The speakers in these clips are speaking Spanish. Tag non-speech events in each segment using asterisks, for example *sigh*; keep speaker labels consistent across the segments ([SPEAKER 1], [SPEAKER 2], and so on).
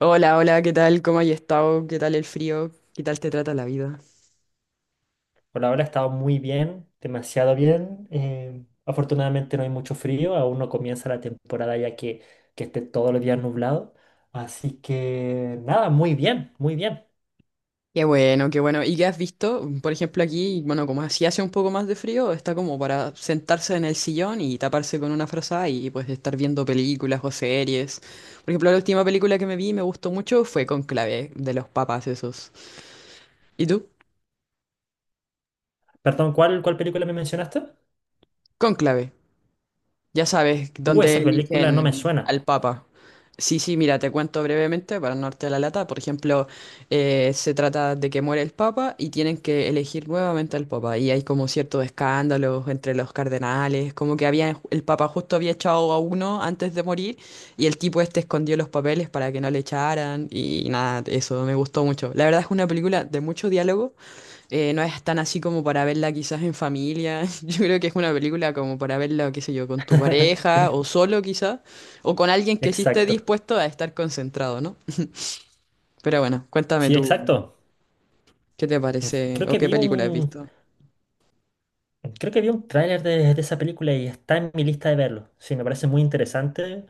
[SPEAKER 1] Hola, hola, ¿qué tal? ¿Cómo has estado? ¿Qué tal el frío? ¿Qué tal te trata la vida?
[SPEAKER 2] Por ahora ha estado muy bien, demasiado bien. Afortunadamente no hay mucho frío, aún no comienza la temporada ya que esté todos los días nublado. Así que nada, muy bien, muy bien.
[SPEAKER 1] Qué bueno, qué bueno. ¿Y qué has visto? Por ejemplo, aquí, bueno, como así hace un poco más de frío, está como para sentarse en el sillón y taparse con una frazada y pues estar viendo películas o series. Por ejemplo, la última película que me vi y me gustó mucho fue Conclave, de los papas esos. ¿Y tú?
[SPEAKER 2] Perdón, ¿cuál película me mencionaste?
[SPEAKER 1] Conclave. Ya sabes, dónde
[SPEAKER 2] Esa película no me
[SPEAKER 1] eligen
[SPEAKER 2] suena.
[SPEAKER 1] al Papa. Sí, sí, mira, te cuento brevemente para no darte la lata. Por ejemplo, se trata de que muere el Papa y tienen que elegir nuevamente al Papa. Y hay como ciertos escándalos entre los cardenales, como que había, el Papa justo había echado a uno antes de morir y el tipo este escondió los papeles para que no le echaran. Y nada, eso me gustó mucho. La verdad es una película de mucho diálogo. No es tan así como para verla quizás en familia. *laughs* Yo creo que es una película como para verla, qué sé yo, con tu
[SPEAKER 2] *laughs*
[SPEAKER 1] pareja o solo quizás, o con alguien que sí esté
[SPEAKER 2] Exacto.
[SPEAKER 1] dispuesto a estar concentrado, ¿no? Pero bueno, cuéntame
[SPEAKER 2] Sí,
[SPEAKER 1] tú,
[SPEAKER 2] exacto.
[SPEAKER 1] ¿qué te parece
[SPEAKER 2] Creo
[SPEAKER 1] o
[SPEAKER 2] que
[SPEAKER 1] qué
[SPEAKER 2] vi
[SPEAKER 1] película has
[SPEAKER 2] un,
[SPEAKER 1] visto?
[SPEAKER 2] Creo que vi un tráiler de esa película y está en mi lista de verlo. Sí, me parece muy interesante.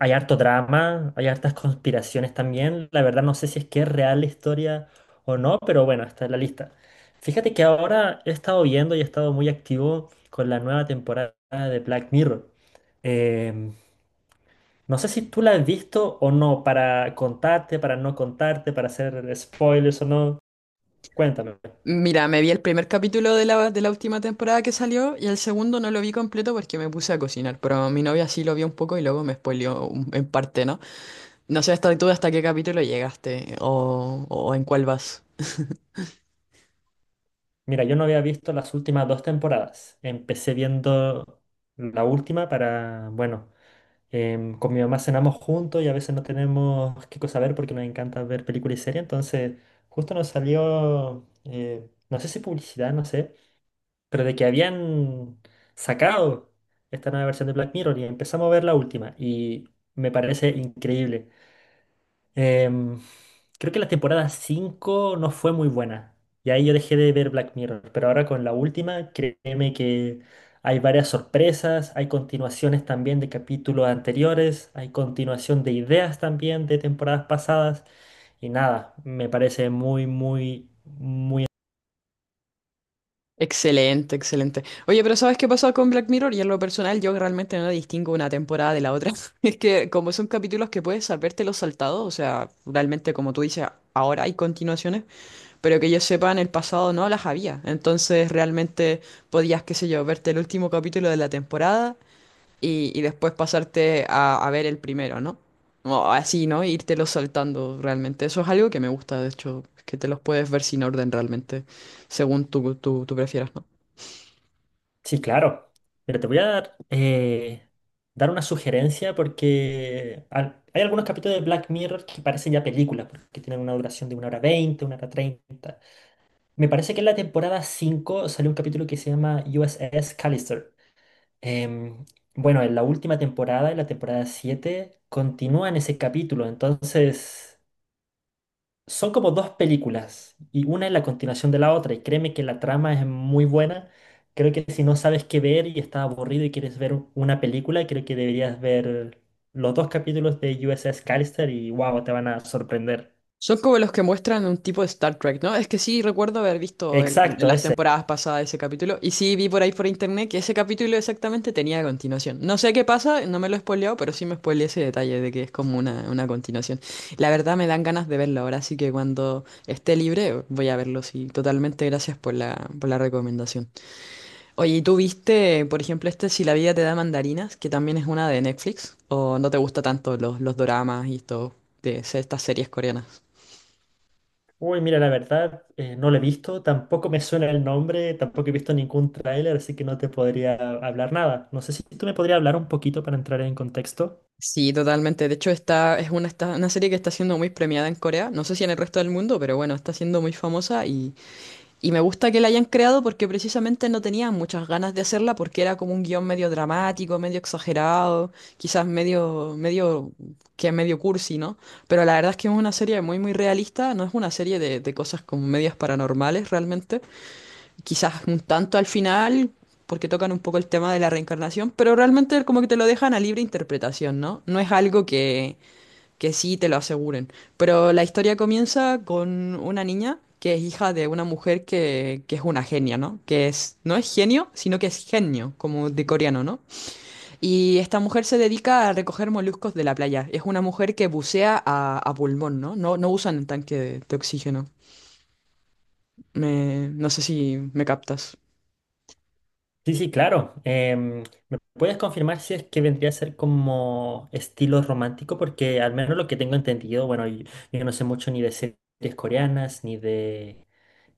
[SPEAKER 2] Hay harto drama, hay hartas conspiraciones también. La verdad no sé si es que es real la historia o no, pero bueno, está en la lista. Fíjate que ahora he estado viendo y he estado muy activo con la nueva temporada de Black Mirror. Em, no sé si tú la has visto o no, para contarte, para no contarte, para hacer spoilers o no. Cuéntame.
[SPEAKER 1] Mira, me vi el primer capítulo de la última temporada que salió y el segundo no lo vi completo porque me puse a cocinar, pero mi novia sí lo vio un poco y luego me spoileó en parte, ¿no? No sé hasta tú hasta qué capítulo llegaste o en cuál vas.
[SPEAKER 2] Mira, yo no había visto las últimas dos temporadas. Empecé viendo la última para, bueno, con mi mamá cenamos juntos y a veces no tenemos qué cosa ver porque nos encanta ver películas y series. Entonces, justo nos salió, no sé si publicidad, no sé, pero de que habían sacado esta nueva versión de Black Mirror y empezamos a ver la última y me parece increíble. Em, Creo que la temporada 5 no fue muy buena. Y ahí yo dejé de ver Black Mirror. Pero ahora con la última, créeme que hay varias sorpresas, hay continuaciones también de capítulos anteriores, hay continuación de ideas también de temporadas pasadas. Y nada, me parece muy, muy, muy.
[SPEAKER 1] Excelente, excelente. Oye, pero ¿sabes qué pasó con Black Mirror? Y en lo personal yo realmente no distingo una temporada de la otra. *laughs* Es que como son capítulos que puedes saberte los saltados, o sea, realmente como tú dices, ahora hay continuaciones, pero que yo sepa en el pasado no las había. Entonces realmente podías, qué sé yo, verte el último capítulo de la temporada y después pasarte a ver el primero, ¿no? O así, ¿no? Los saltando realmente. Eso es algo que me gusta, de hecho, que te los puedes ver sin orden realmente, según tú prefieras, ¿no?
[SPEAKER 2] Sí, claro. Pero te voy a dar, dar una sugerencia porque hay algunos capítulos de Black Mirror que parecen ya películas, porque tienen una duración de 1 hora 20, 1 hora 30. Me parece que en la temporada 5 salió un capítulo que se llama USS Callister. Em, bueno, en la última temporada, en la temporada 7 continúa en ese capítulo, entonces... Son como dos películas y una es la continuación de la otra y créeme que la trama es muy buena. Creo que si no sabes qué ver y estás aburrido y quieres ver una película, creo que deberías ver los dos capítulos de USS Callister y wow, te van a sorprender.
[SPEAKER 1] Son como los que muestran un tipo de Star Trek, ¿no? Es que sí recuerdo haber visto
[SPEAKER 2] Exacto,
[SPEAKER 1] las
[SPEAKER 2] ese.
[SPEAKER 1] temporadas pasadas ese capítulo y sí vi por ahí por internet que ese capítulo exactamente tenía continuación. No sé qué pasa, no me lo he spoileado, pero sí me spoileé ese detalle de que es como una continuación. La verdad me dan ganas de verlo ahora, así que cuando esté libre voy a verlo, sí. Totalmente, gracias por la recomendación. Oye, ¿y tú viste, por ejemplo, este Si la vida te da mandarinas, que también es una de Netflix? ¿O no te gusta tanto los doramas y todo de estas series coreanas?
[SPEAKER 2] Uy, mira, la verdad, no lo he visto, tampoco me suena el nombre, tampoco he visto ningún tráiler, así que no te podría hablar nada. No sé si tú me podrías hablar un poquito para entrar en contexto.
[SPEAKER 1] Sí, totalmente. De hecho, esta es una serie que está siendo muy premiada en Corea. No sé si en el resto del mundo, pero bueno, está siendo muy famosa y me gusta que la hayan creado porque precisamente no tenían muchas ganas de hacerla porque era como un guión medio dramático, medio exagerado, quizás medio cursi, ¿no? Pero la verdad es que es una serie muy, muy realista, no es una serie de cosas como medias paranormales realmente, quizás un tanto al final, porque tocan un poco el tema de la reencarnación, pero realmente como que te lo dejan a libre interpretación, ¿no? No es algo que sí te lo aseguren. Pero la historia comienza con una niña que es hija de una mujer que es una genia, ¿no? Que es, no es genio, sino que es genio, como de coreano, ¿no? Y esta mujer se dedica a recoger moluscos de la playa. Es una mujer que bucea a pulmón, ¿no? No, no usan el tanque de oxígeno. No sé si me captas.
[SPEAKER 2] Sí, sí, claro. ¿Me puedes confirmar si es que vendría a ser como estilo romántico? Porque al menos lo que tengo entendido, bueno, yo, no sé mucho ni de series coreanas,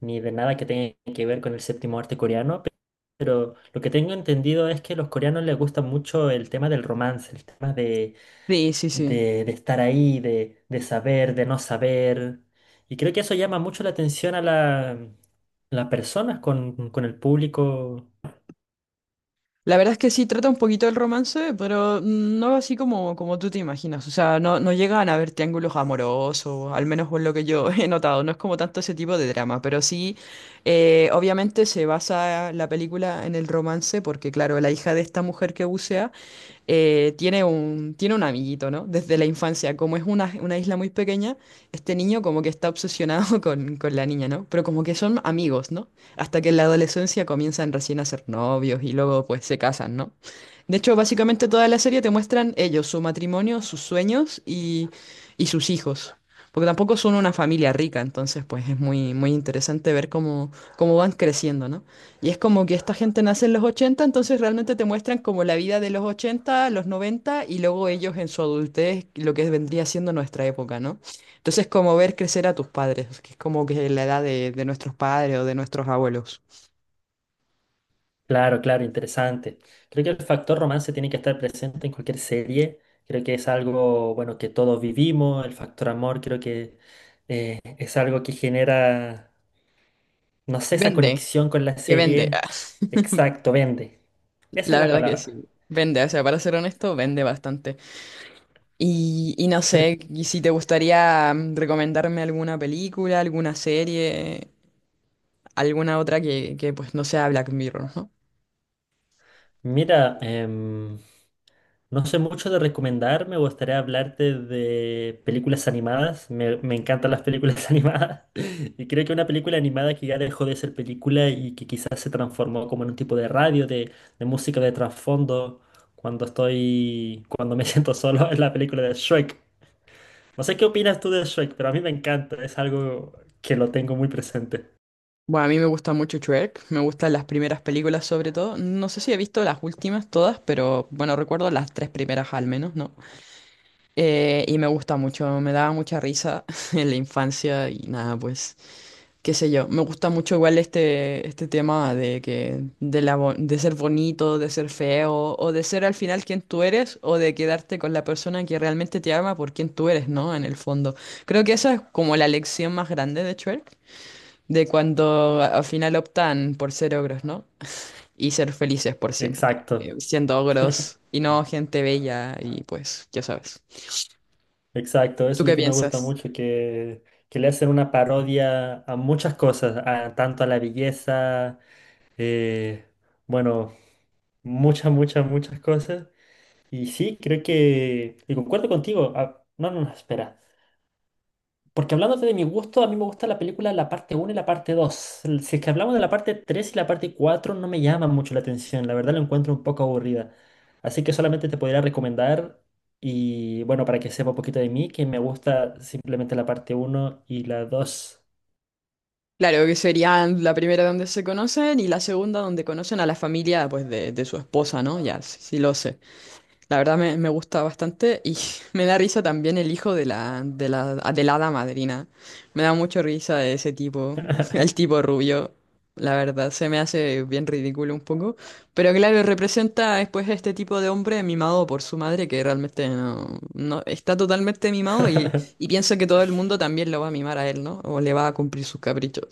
[SPEAKER 2] ni de nada que tenga que ver con el séptimo arte coreano, pero lo que tengo entendido es que a los coreanos les gusta mucho el tema del romance, el tema
[SPEAKER 1] Sí, sí, sí.
[SPEAKER 2] de estar ahí, de saber, de no saber. Y creo que eso llama mucho la atención a la, las personas con el público.
[SPEAKER 1] La verdad es que sí, trata un poquito del romance, pero no así como tú te imaginas. O sea, no, no llegan a haber triángulos amorosos, al menos por lo que yo *laughs* he notado. No es como tanto ese tipo de drama, pero sí, obviamente se basa la película en el romance, porque claro, la hija de esta mujer que bucea tiene un amiguito, ¿no? Desde la infancia, como es una isla muy pequeña, este niño como que está obsesionado *laughs* con la niña, ¿no? Pero como que son amigos, ¿no? Hasta que en la adolescencia comienzan recién a ser novios y luego pues se casan, ¿no? De hecho, básicamente toda la serie te muestran ellos, su matrimonio, sus sueños y sus hijos. Porque tampoco son una familia rica, entonces pues es muy, muy interesante ver cómo van creciendo, ¿no? Y es como que esta gente nace en los ochenta, entonces realmente te muestran como la vida de los 80 los 90 y luego ellos en su adultez, lo que vendría siendo nuestra época, ¿no? Entonces, como ver crecer a tus padres, que es como que la edad de nuestros padres o de nuestros abuelos.
[SPEAKER 2] Claro, claro, interesante. Creo que el factor romance tiene que estar presente en cualquier serie. Creo que es algo, bueno, que todos vivimos. El factor amor creo que es algo que genera, no sé, esa
[SPEAKER 1] Vende,
[SPEAKER 2] conexión con la
[SPEAKER 1] que vende. Ah,
[SPEAKER 2] serie. Exacto, vende. Esa es
[SPEAKER 1] la
[SPEAKER 2] la
[SPEAKER 1] verdad que
[SPEAKER 2] palabra.
[SPEAKER 1] sí. Vende, o sea, para ser honesto, vende bastante. Y no sé,
[SPEAKER 2] *laughs*
[SPEAKER 1] y si te gustaría recomendarme alguna película, alguna serie, alguna otra que, pues no sea Black Mirror, ¿no?
[SPEAKER 2] Mira, no sé mucho de recomendar, me gustaría hablarte de películas animadas. Me encantan las películas *laughs* animadas. Y creo que una película animada que ya dejó de ser película y que quizás se transformó como en un tipo de radio, de música de trasfondo, cuando estoy, cuando me *laughs* siento solo, es la película de Shrek. No sé qué opinas tú de Shrek, pero a mí me encanta, es algo que lo tengo muy presente.
[SPEAKER 1] Bueno, a mí me gusta mucho Shrek, me gustan las primeras películas sobre todo. No sé si he visto las últimas todas, pero bueno, recuerdo las tres primeras al menos, ¿no? Y me gusta mucho, me daba mucha risa *laughs* en la infancia y nada, pues, qué sé yo. Me gusta mucho igual este tema de que, de la, bo- de ser bonito, de ser feo, o de ser al final quien tú eres, o de quedarte con la persona que realmente te ama por quien tú eres, ¿no? En el fondo. Creo que esa es como la lección más grande de Shrek, de cuando al final optan por ser ogros, ¿no? Y ser felices por siempre,
[SPEAKER 2] Exacto.
[SPEAKER 1] siendo ogros y no gente bella y pues, ya sabes.
[SPEAKER 2] Exacto, eso es
[SPEAKER 1] ¿Tú
[SPEAKER 2] lo
[SPEAKER 1] qué
[SPEAKER 2] que me gusta
[SPEAKER 1] piensas?
[SPEAKER 2] mucho, que le hacen una parodia a muchas cosas, a- tanto a la belleza, eh, bueno, muchas, muchas, muchas cosas. Y sí, creo que, y concuerdo contigo, ah, no, no, no, espera. Porque hablándote de mi gusto, a mí me gusta la película la parte uno y la parte 2. Si es que hablamos de la parte 3 y la parte 4, no me llama mucho la atención. La verdad, la encuentro un poco aburrida. Así que solamente te podría recomendar, y bueno, para que sepa un poquito de mí, que me gusta simplemente la parte uno y la dos.
[SPEAKER 1] Claro, que serían la primera donde se conocen y la segunda donde conocen a la familia pues de su esposa, ¿no? Ya, sí, sí lo sé. La verdad me gusta bastante y *laughs* me da risa también el hijo de la hada madrina. Me da mucho risa ese tipo, *laughs* el tipo rubio. La verdad, se me hace bien ridículo un poco. Pero claro, representa después este tipo de hombre mimado por su madre que realmente no, no está totalmente mimado y
[SPEAKER 2] *laughs*
[SPEAKER 1] piensa que todo el mundo también lo va a mimar a él, ¿no? O le va a cumplir sus caprichos.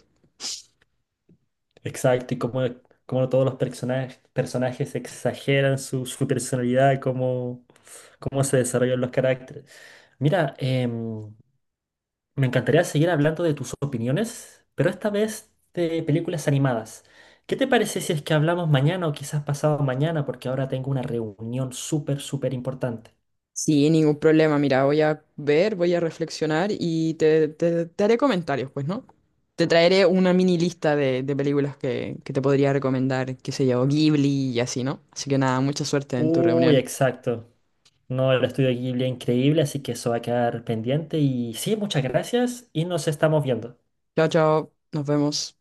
[SPEAKER 2] Exacto, y como, como todos los personajes, personajes exageran su, su personalidad, cómo, cómo se desarrollan los caracteres. Mira, me encantaría seguir hablando de tus opiniones, pero esta vez de películas animadas. ¿Qué te parece si es que hablamos mañana o quizás pasado mañana? Porque ahora tengo una reunión súper, súper importante.
[SPEAKER 1] Sí, ningún problema. Mira, voy a ver, voy a reflexionar y te haré comentarios, pues, ¿no? Te traeré una mini lista de películas que te podría recomendar, qué sé yo, Ghibli y así, ¿no? Así que nada, mucha suerte en tu
[SPEAKER 2] Uy,
[SPEAKER 1] reunión.
[SPEAKER 2] exacto. No, el estudio Ghibli es increíble, así que eso va a quedar pendiente. Y sí, muchas gracias y nos estamos viendo.
[SPEAKER 1] Chao, chao, nos vemos.